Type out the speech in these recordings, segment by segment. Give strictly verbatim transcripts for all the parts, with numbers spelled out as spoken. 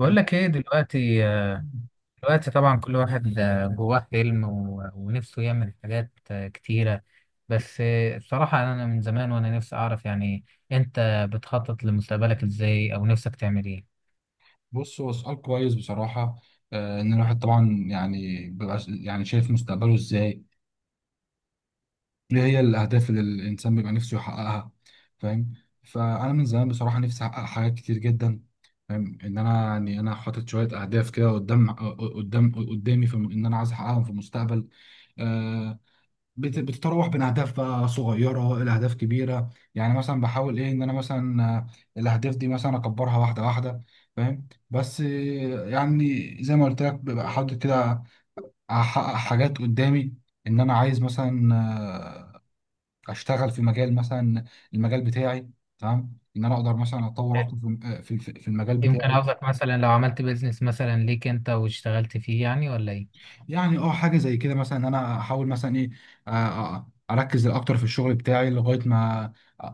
بقول لك ايه دلوقتي. دلوقتي طبعا كل واحد آه، جواه حلم و- ونفسه يعمل حاجات آه، كتيرة. بس آه، الصراحة انا من زمان وانا نفسي اعرف يعني انت بتخطط لمستقبلك ازاي او نفسك تعمل ايه؟ بص، هو سؤال كويس بصراحة. آه، إن الواحد طبعا يعني بيبقى ش- يعني شايف مستقبله إزاي، إيه هي الأهداف اللي الإنسان بيبقى نفسه يحققها. فاهم؟ فأنا من زمان بصراحة نفسي أحقق حاجات كتير جدا. فاهم إن أنا يعني أنا حاطط شوية أهداف كده قدام آه، قدام قدامي في الم- إن أنا عايز أحققهم في المستقبل. آه، بت- بتتراوح بين اهداف بقى صغيره الى اهداف كبيره، يعني مثلا بحاول ايه ان انا مثلا، آه، الاهداف دي مثلا اكبرها واحده واحده. فاهم؟ بس آه، يعني زي ما قلت لك ببقى حاطط كده، احقق حاجات قدامي. ان انا عايز مثلا آه، اشتغل في مجال مثلا، المجال بتاعي. تمام؟ ان انا اقدر مثلا اتطور اكتر في في في المجال يمكن بتاعي. قصدك مثلا لو عملت بيزنس مثلا ليك انت واشتغلت فيه يعني ولا ايه؟ يعني اه، حاجه زي كده مثلا، ان انا احاول مثلا ايه، آه، آه، اركز اكتر في الشغل بتاعي لغايه ما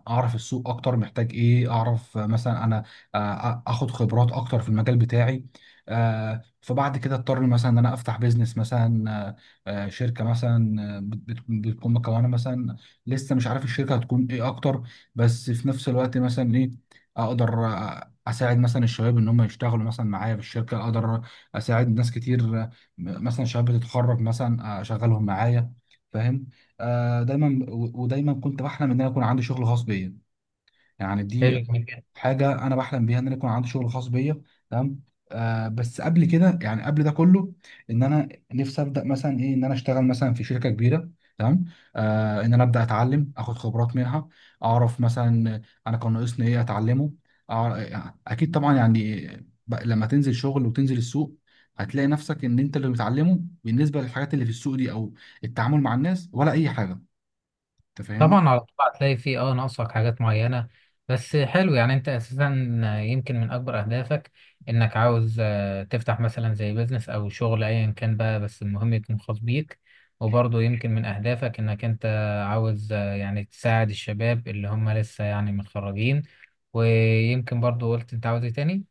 اعرف السوق اكتر محتاج ايه، اعرف آه، مثلا انا آه، اخد خبرات اكتر في المجال بتاعي. آه، فبعد كده اضطر مثلا ان انا افتح بيزنس مثلا، آه، آه، شركه مثلا، آه، بت- بت- بتكون مكونه مثلا. لسه مش عارف الشركه هتكون ايه اكتر، بس في نفس الوقت مثلا ايه، اقدر آه، اساعد مثلا الشباب ان هم يشتغلوا مثلا معايا في الشركه. اقدر اساعد ناس كتير، م- مثلا شباب بتتخرج مثلا اشغلهم معايا. فاهم؟ آه، دايما و- ودايما كنت بحلم ان انا يكون عندي شغل خاص بيا. يعني دي حلو، جميل. حاجه انا بحلم بيها، ان انا يكون عندي شغل خاص بيا. تمام. آه بس قبل كده يعني قبل ده كله، ان انا نفسي ابدا مثلا ايه، ان انا اشتغل مثلا في شركه كبيره. تمام. آه ان انا ابدا اتعلم اخد خبرات منها، اعرف مثلا انا كان ناقصني ايه اتعلمه. أع- اكيد طبعا يعني ب- لما تنزل شغل وتنزل السوق هتلاقي نفسك ان انت اللي بتعلمه بالنسبه للحاجات اللي في السوق دي، او التعامل مع الناس، ولا اي حاجه. انت فاهمني؟ طبعا على طول هتلاقي فيه اه ناقصك حاجات معينة. بس حلو، يعني انت اساسا يمكن من اكبر اهدافك انك عاوز آه، تفتح مثلا زي بيزنس او شغل ايا كان بقى، بس المهم يكون خاص بيك. وبرضه يمكن من اهدافك انك انت عاوز آه، يعني تساعد الشباب اللي هم لسه يعني متخرجين. ويمكن برضه قلت انت عاوز ايه تاني؟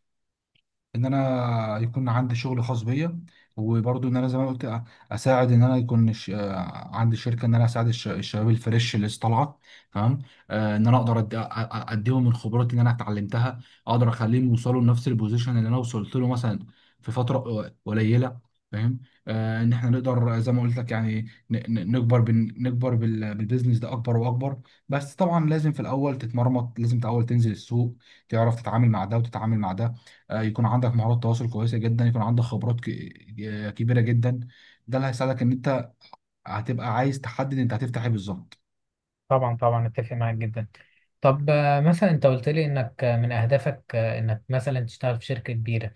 ان انا يكون عندي شغل خاص بيا، وبرضو ان انا زي ما قلت أ- اساعد. ان انا يكون ش... عندي شركه، ان انا اساعد الش... الشباب الفريش اللي لسه طالعه. تمام. آه ان انا اقدر أد... أ- أ- اديهم من خبراتي اللي انا اتعلمتها، اقدر اخليهم يوصلوا لنفس البوزيشن اللي انا وصلت له مثلا في فتره ق- قليله. فاهم؟ آه ان احنا نقدر زي ما قلت لك يعني ن... ن- نكبر بن... نكبر بال... بالبيزنس ده اكبر واكبر. بس طبعا لازم في الاول تتمرمط، لازم الاول تنزل السوق، تعرف تتعامل مع ده وتتعامل مع ده. آه، يكون عندك مهارات تواصل كويسه جدا، يكون عندك خبرات ك- آه، كبيره جدا. ده اللي هيساعدك ان انت هتبقى عايز تحدد انت هتفتح ايه بالظبط. طبعا طبعا، اتفق معاك جدا. طب آه، مثلا انت قلت لي انك آه، من اهدافك آه، انك مثلا تشتغل في شركة كبيرة.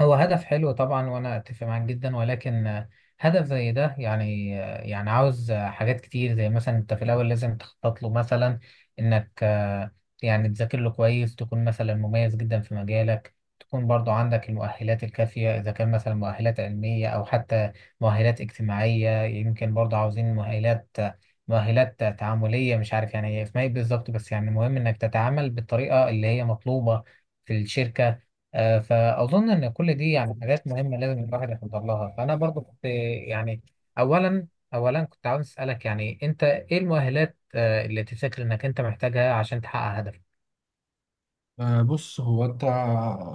هو هدف حلو طبعا وانا اتفق معاك جدا، ولكن آه، هدف زي ده يعني آه، يعني عاوز آه، حاجات كتير، زي مثلا انت في الاول لازم تخطط له مثلا، انك آه، يعني تذاكر له كويس، تكون مثلا مميز جدا في مجالك، تكون برضو عندك المؤهلات الكافية، اذا كان مثلا مؤهلات علمية او حتى مؤهلات اجتماعية. يمكن برضو عاوزين مؤهلات مؤهلات تعاملية، مش عارف يعني هي اسمها ايه بالظبط، بس يعني مهم انك تتعامل بالطريقة اللي هي مطلوبة في الشركة. آه، فأظن إن كل دي يعني حاجات مهمة لازم الواحد يحضر لها. فأنا برضو كنت يعني أولا أولا كنت عاوز أسألك، يعني أنت إيه المؤهلات آه، اللي تفتكر إنك أنت محتاجها عشان تحقق هدفك؟ آه، بص، هو انت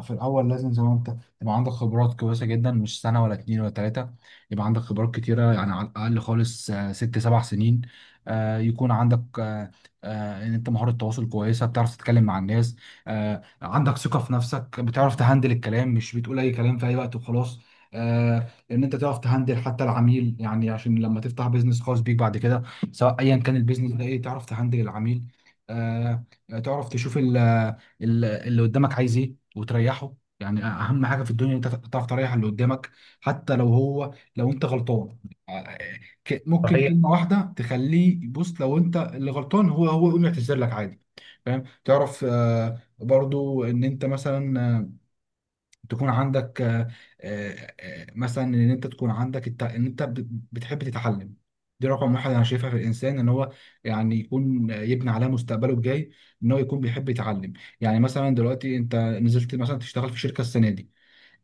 في الاول لازم زي ما انت تبقى عندك خبرات كويسه جدا، مش سنه ولا اتنين ولا تلاته، يبقى عندك خبرات كتيره. يعني على الاقل خالص آه، ست سبع سنين. آه، يكون عندك، آه، آه، ان انت مهاره تواصل كويسه، بتعرف تتكلم مع الناس. آه، عندك ثقه في نفسك، بتعرف تهندل الكلام، مش بتقول اي كلام في اي وقت وخلاص. آه، ان انت تعرف تهندل حتى العميل، يعني عشان لما تفتح بيزنس خاص بيك بعد كده، سواء ايا كان البيزنس ده ايه، تعرف تهندل العميل. آه، تعرف تشوف ال ال- اللي قدامك عايز ايه وتريحه. يعني اهم حاجه في الدنيا إن انت تعرف تريح اللي قدامك، حتى لو هو لو انت غلطان. ك- ممكن صحيح. كلمه واحده تخليه، بص، لو انت اللي غلطان هو هو يقوم يعتذر لك عادي. فاهم؟ تعرف آه، برضو ان انت مثلا، آه، تكون عندك، آه، آه، آه، مثلا ان انت تكون عندك الت... ان انت ب- بتحب تتعلم. دي رقم واحد انا شايفها في الانسان، ان هو يعني يكون آه، يبني عليها مستقبله الجاي، ان هو يكون بيحب يتعلم. يعني مثلا دلوقتي انت نزلت مثلا تشتغل في شركه السنه دي،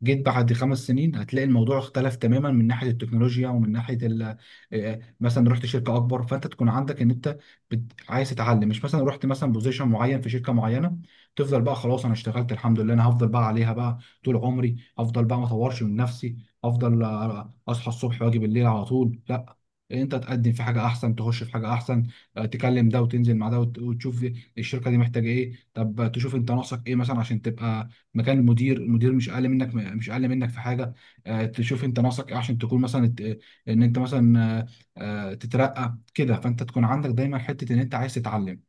جيت بعد خمس سنين هتلاقي الموضوع اختلف تماما من ناحيه التكنولوجيا، ومن ناحيه ال- آه، مثلا رحت شركه اكبر، فانت تكون عندك ان انت بت... عايز تتعلم. مش مثلا رحت مثلا بوزيشن معين في شركه معينه، تفضل بقى خلاص، انا اشتغلت الحمد لله انا هفضل بقى عليها بقى طول عمري، افضل بقى ما اطورش من نفسي، افضل آه، اصحى الصبح واجي بالليل على طول. لا، انت تقدم في حاجه احسن، تخش في حاجه احسن. آه، تكلم ده وتنزل مع ده وت- وتشوف الشركه دي محتاجه ايه. طب تشوف انت ناقصك ايه مثلا عشان تبقى مكان المدير. المدير مش اقل منك، مش اقل منك في حاجه. آه، تشوف انت ناقصك ايه عشان تكون مثلا ت- ان انت مثلا آه، آه، تترقى كده. فانت تكون عندك دايما حته ان انت عايز تتعلم.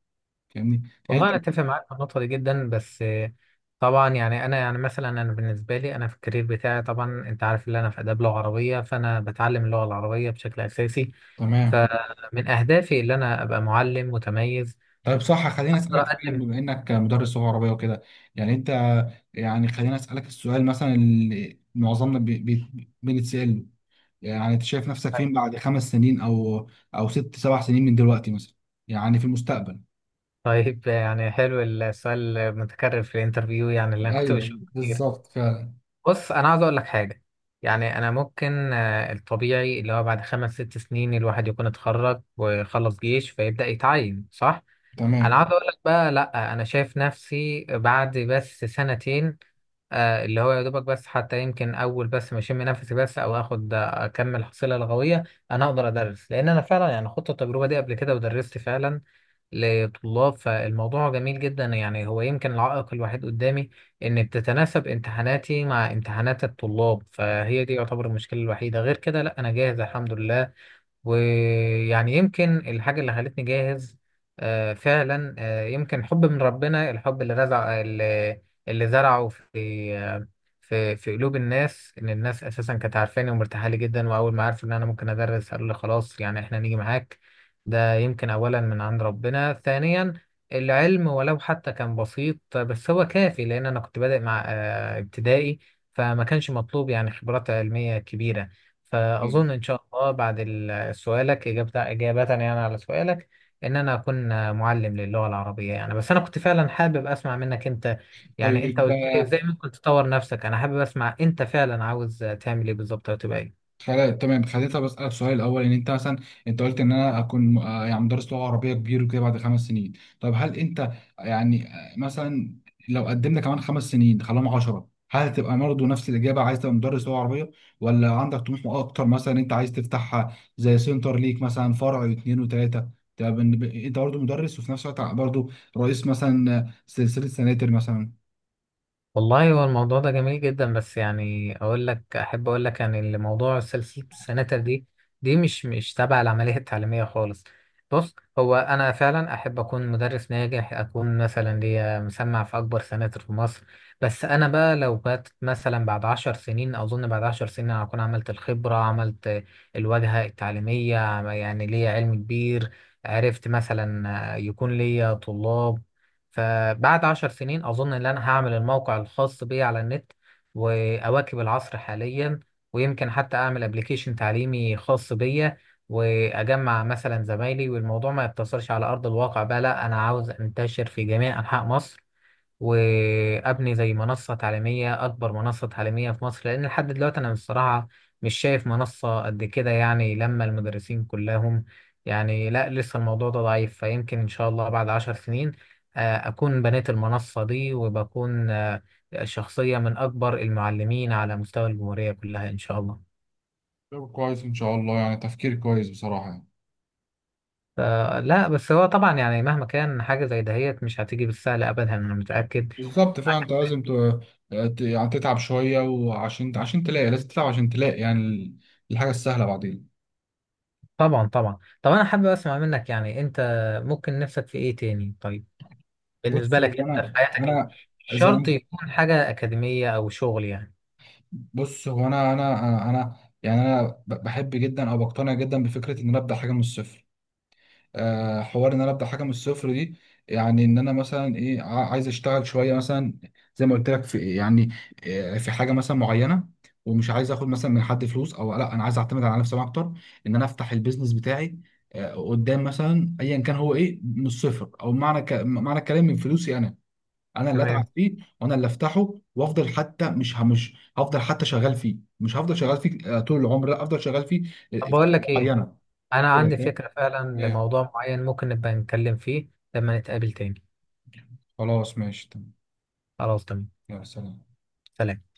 فاهمني؟ هي والله انت. أنا أتفق معاك في النقطة دي جدا، بس آه، طبعا يعني أنا يعني مثلا أنا بالنسبة لي أنا في الكارير بتاعي، طبعا أنت عارف إن أنا في آداب لغة عربية، فأنا بتعلم اللغة العربية بشكل أساسي. تمام. فمن أهدافي إن أنا أبقى معلم متميز طيب صح، خليني أقدر اسالك فعلا، أقدم. بما انك مدرس لغه عربيه وكده، يعني انت، يعني خليني اسالك السؤال مثلا اللي معظمنا بي- بي- بنتسال، يعني انت شايف نفسك فين بعد خمس سنين او او ست سبع سنين من دلوقتي مثلا، يعني في المستقبل. طيب يعني حلو السؤال المتكرر في الانترفيو، يعني اللي انا كنت ايوه، بشوفه كتير. بالظبط فعلا. بص انا عاوز اقول لك حاجه. يعني انا ممكن آه، الطبيعي اللي هو بعد خمس ست سنين الواحد يكون اتخرج وخلص جيش فيبدا يتعين، صح؟ انا تمام. عاوز اقول لك بقى لا، انا شايف نفسي بعد بس سنتين. آه، اللي هو يا دوبك بس، حتى يمكن اول بس ما اشم نفسي بس او اخد آه، اكمل حصيله لغويه. انا اقدر ادرس، لان انا فعلا يعني خدت التجربه دي قبل كده ودرست فعلا لطلاب، فالموضوع جميل جدا. يعني هو يمكن العائق الوحيد قدامي ان بتتناسب امتحاناتي مع امتحانات الطلاب، فهي دي يعتبر المشكلة الوحيدة. غير كده لا انا جاهز الحمد لله. ويعني يمكن الحاجة اللي خلتني جاهز آه، فعلا آه، يمكن حب من ربنا، الحب اللي رزع اللي اللي زرعه في آه، في في قلوب الناس، ان الناس اساسا كانت عارفاني ومرتاحه لي جدا، واول ما عرفوا ان انا ممكن ادرس قالوا لي خلاص يعني احنا نيجي معاك. ده يمكن اولا من عند ربنا، ثانيا العلم ولو حتى كان بسيط بس هو كافي، لان انا كنت بادئ مع آه، ابتدائي، فما كانش مطلوب يعني خبرات علمية كبيرة. فأظن إن شاء الله بعد ال- سؤالك إجابة إجابة يعني على سؤالك، إن أنا أكون معلم للغة العربية يعني. بس أنا كنت فعلا حابب أسمع منك أنت، يعني أنت طيب قلت لي آه، إزاي ممكن تطور نفسك، أنا حابب أسمع أنت فعلا عاوز تعمل إيه بالظبط أو تبقى إيه. خلا- تمام، خليتها بسألك سؤال الأول إن أنت مثلا، أنت قلت إن أنا أكون آه، يعني مدرس لغة عربية كبير وكده بعد خمس سنين. طيب هل أنت يعني آه، مثلا لو قدمنا كمان خمس سنين خلاهم عشرة، هل هتبقى برضه نفس الإجابة، عايز تبقى مدرس لغة عربية، ولا عندك طموح أكتر، مثلا أنت عايز تفتح زي سنتر ليك مثلا، فرع واثنين وثلاثة، تبقى بن- أنت برضه مدرس وفي نفس الوقت برضه رئيس مثلا آه، سلسلة سناتر مثلا؟ والله هو الموضوع ده جميل جدا، بس يعني اقول لك، احب اقول لك يعني اللي موضوع سلسله السناتر دي، دي مش مش تابعه للعمليه التعليميه خالص. بص هو انا فعلا احب اكون مدرس ناجح، اكون مثلا ليا مسمع في اكبر سناتر في مصر. بس انا بقى لو بات مثلا بعد عشر سنين، اظن بعد عشر سنين أنا هكون عملت الخبره، عملت الواجهه التعليميه، عم- يعني ليا علم كبير، عرفت مثلا يكون ليا طلاب. فبعد عشر سنين أظن إن أنا هعمل الموقع الخاص بي على النت وأواكب العصر حاليا، ويمكن حتى أعمل أبليكيشن تعليمي خاص بيا، وأجمع مثلا زمايلي، والموضوع ما يقتصرش على أرض الواقع بقى. لا أنا عاوز أنتشر في جميع أنحاء مصر، وابني زي منصه تعليميه، اكبر منصه تعليميه في مصر، لان لحد دلوقتي انا بصراحه مش شايف منصه قد كده يعني، لما المدرسين كلهم يعني، لا لسه الموضوع ده ضعيف. فيمكن ان شاء الله بعد عشر سنين آه، اكون بنيت المنصه دي، وبكون آه، شخصيه من اكبر المعلمين على مستوى الجمهوريه كلها ان شاء الله. طب كويس ان شاء الله، يعني تفكير كويس بصراحة. ف- لا بس هو طبعا يعني مهما كان حاجه زي دهيت مش هتيجي بالسهل ابدا، انا متاكد. بالظبط فعلا، انت لازم ت- ت- يعني تتعب شويه، وعشان عشان تلاقي، لازم تتعب عشان تلاقي يعني ال- الحاجه السهله بعدين. طبعا طبعا. طب انا حابب اسمع منك، يعني انت ممكن نفسك في ايه تاني؟ طيب بالنسبه بص لك هو انت انا في حياتك انت، انا مش اذا شرط أنا- يكون حاجه اكاديميه او شغل يعني. بص هو انا انا انا أنا- يعني انا ب- بحب جدا، او بقتنع جدا بفكره ان انا ابدا حاجه من الصفر. آه، حوار ان انا ابدا حاجه من الصفر دي، يعني ان انا مثلا ايه ع- عايز اشتغل شويه مثلا زي ما قلت لك في يعني آه، في حاجه مثلا معينه. ومش عايز اخد مثلا من حد فلوس او، لا انا عايز اعتمد على نفسي اكتر، ان انا افتح البيزنس بتاعي آه، قدام مثلا، ايا كان هو ايه، من الصفر. او معنى ك... معنى الكلام من فلوسي انا، انا اللي اتعب تمام. فيه وانا اللي افتحه، وافضل حتى مش ه- مش هفضل حتى شغال فيه، مش هفضل شغال فيه آه، طول العمر، لا، افضل شغال فيه طب آه، بقول فتره لك ايه، معينه. انا عندي كده فاهم؟ فكره فعلا إيه. لموضوع معين ممكن نبقى نتكلم فيه لما نتقابل تاني. خلاص ماشي. خلاص تمام. يا سلام. سلام.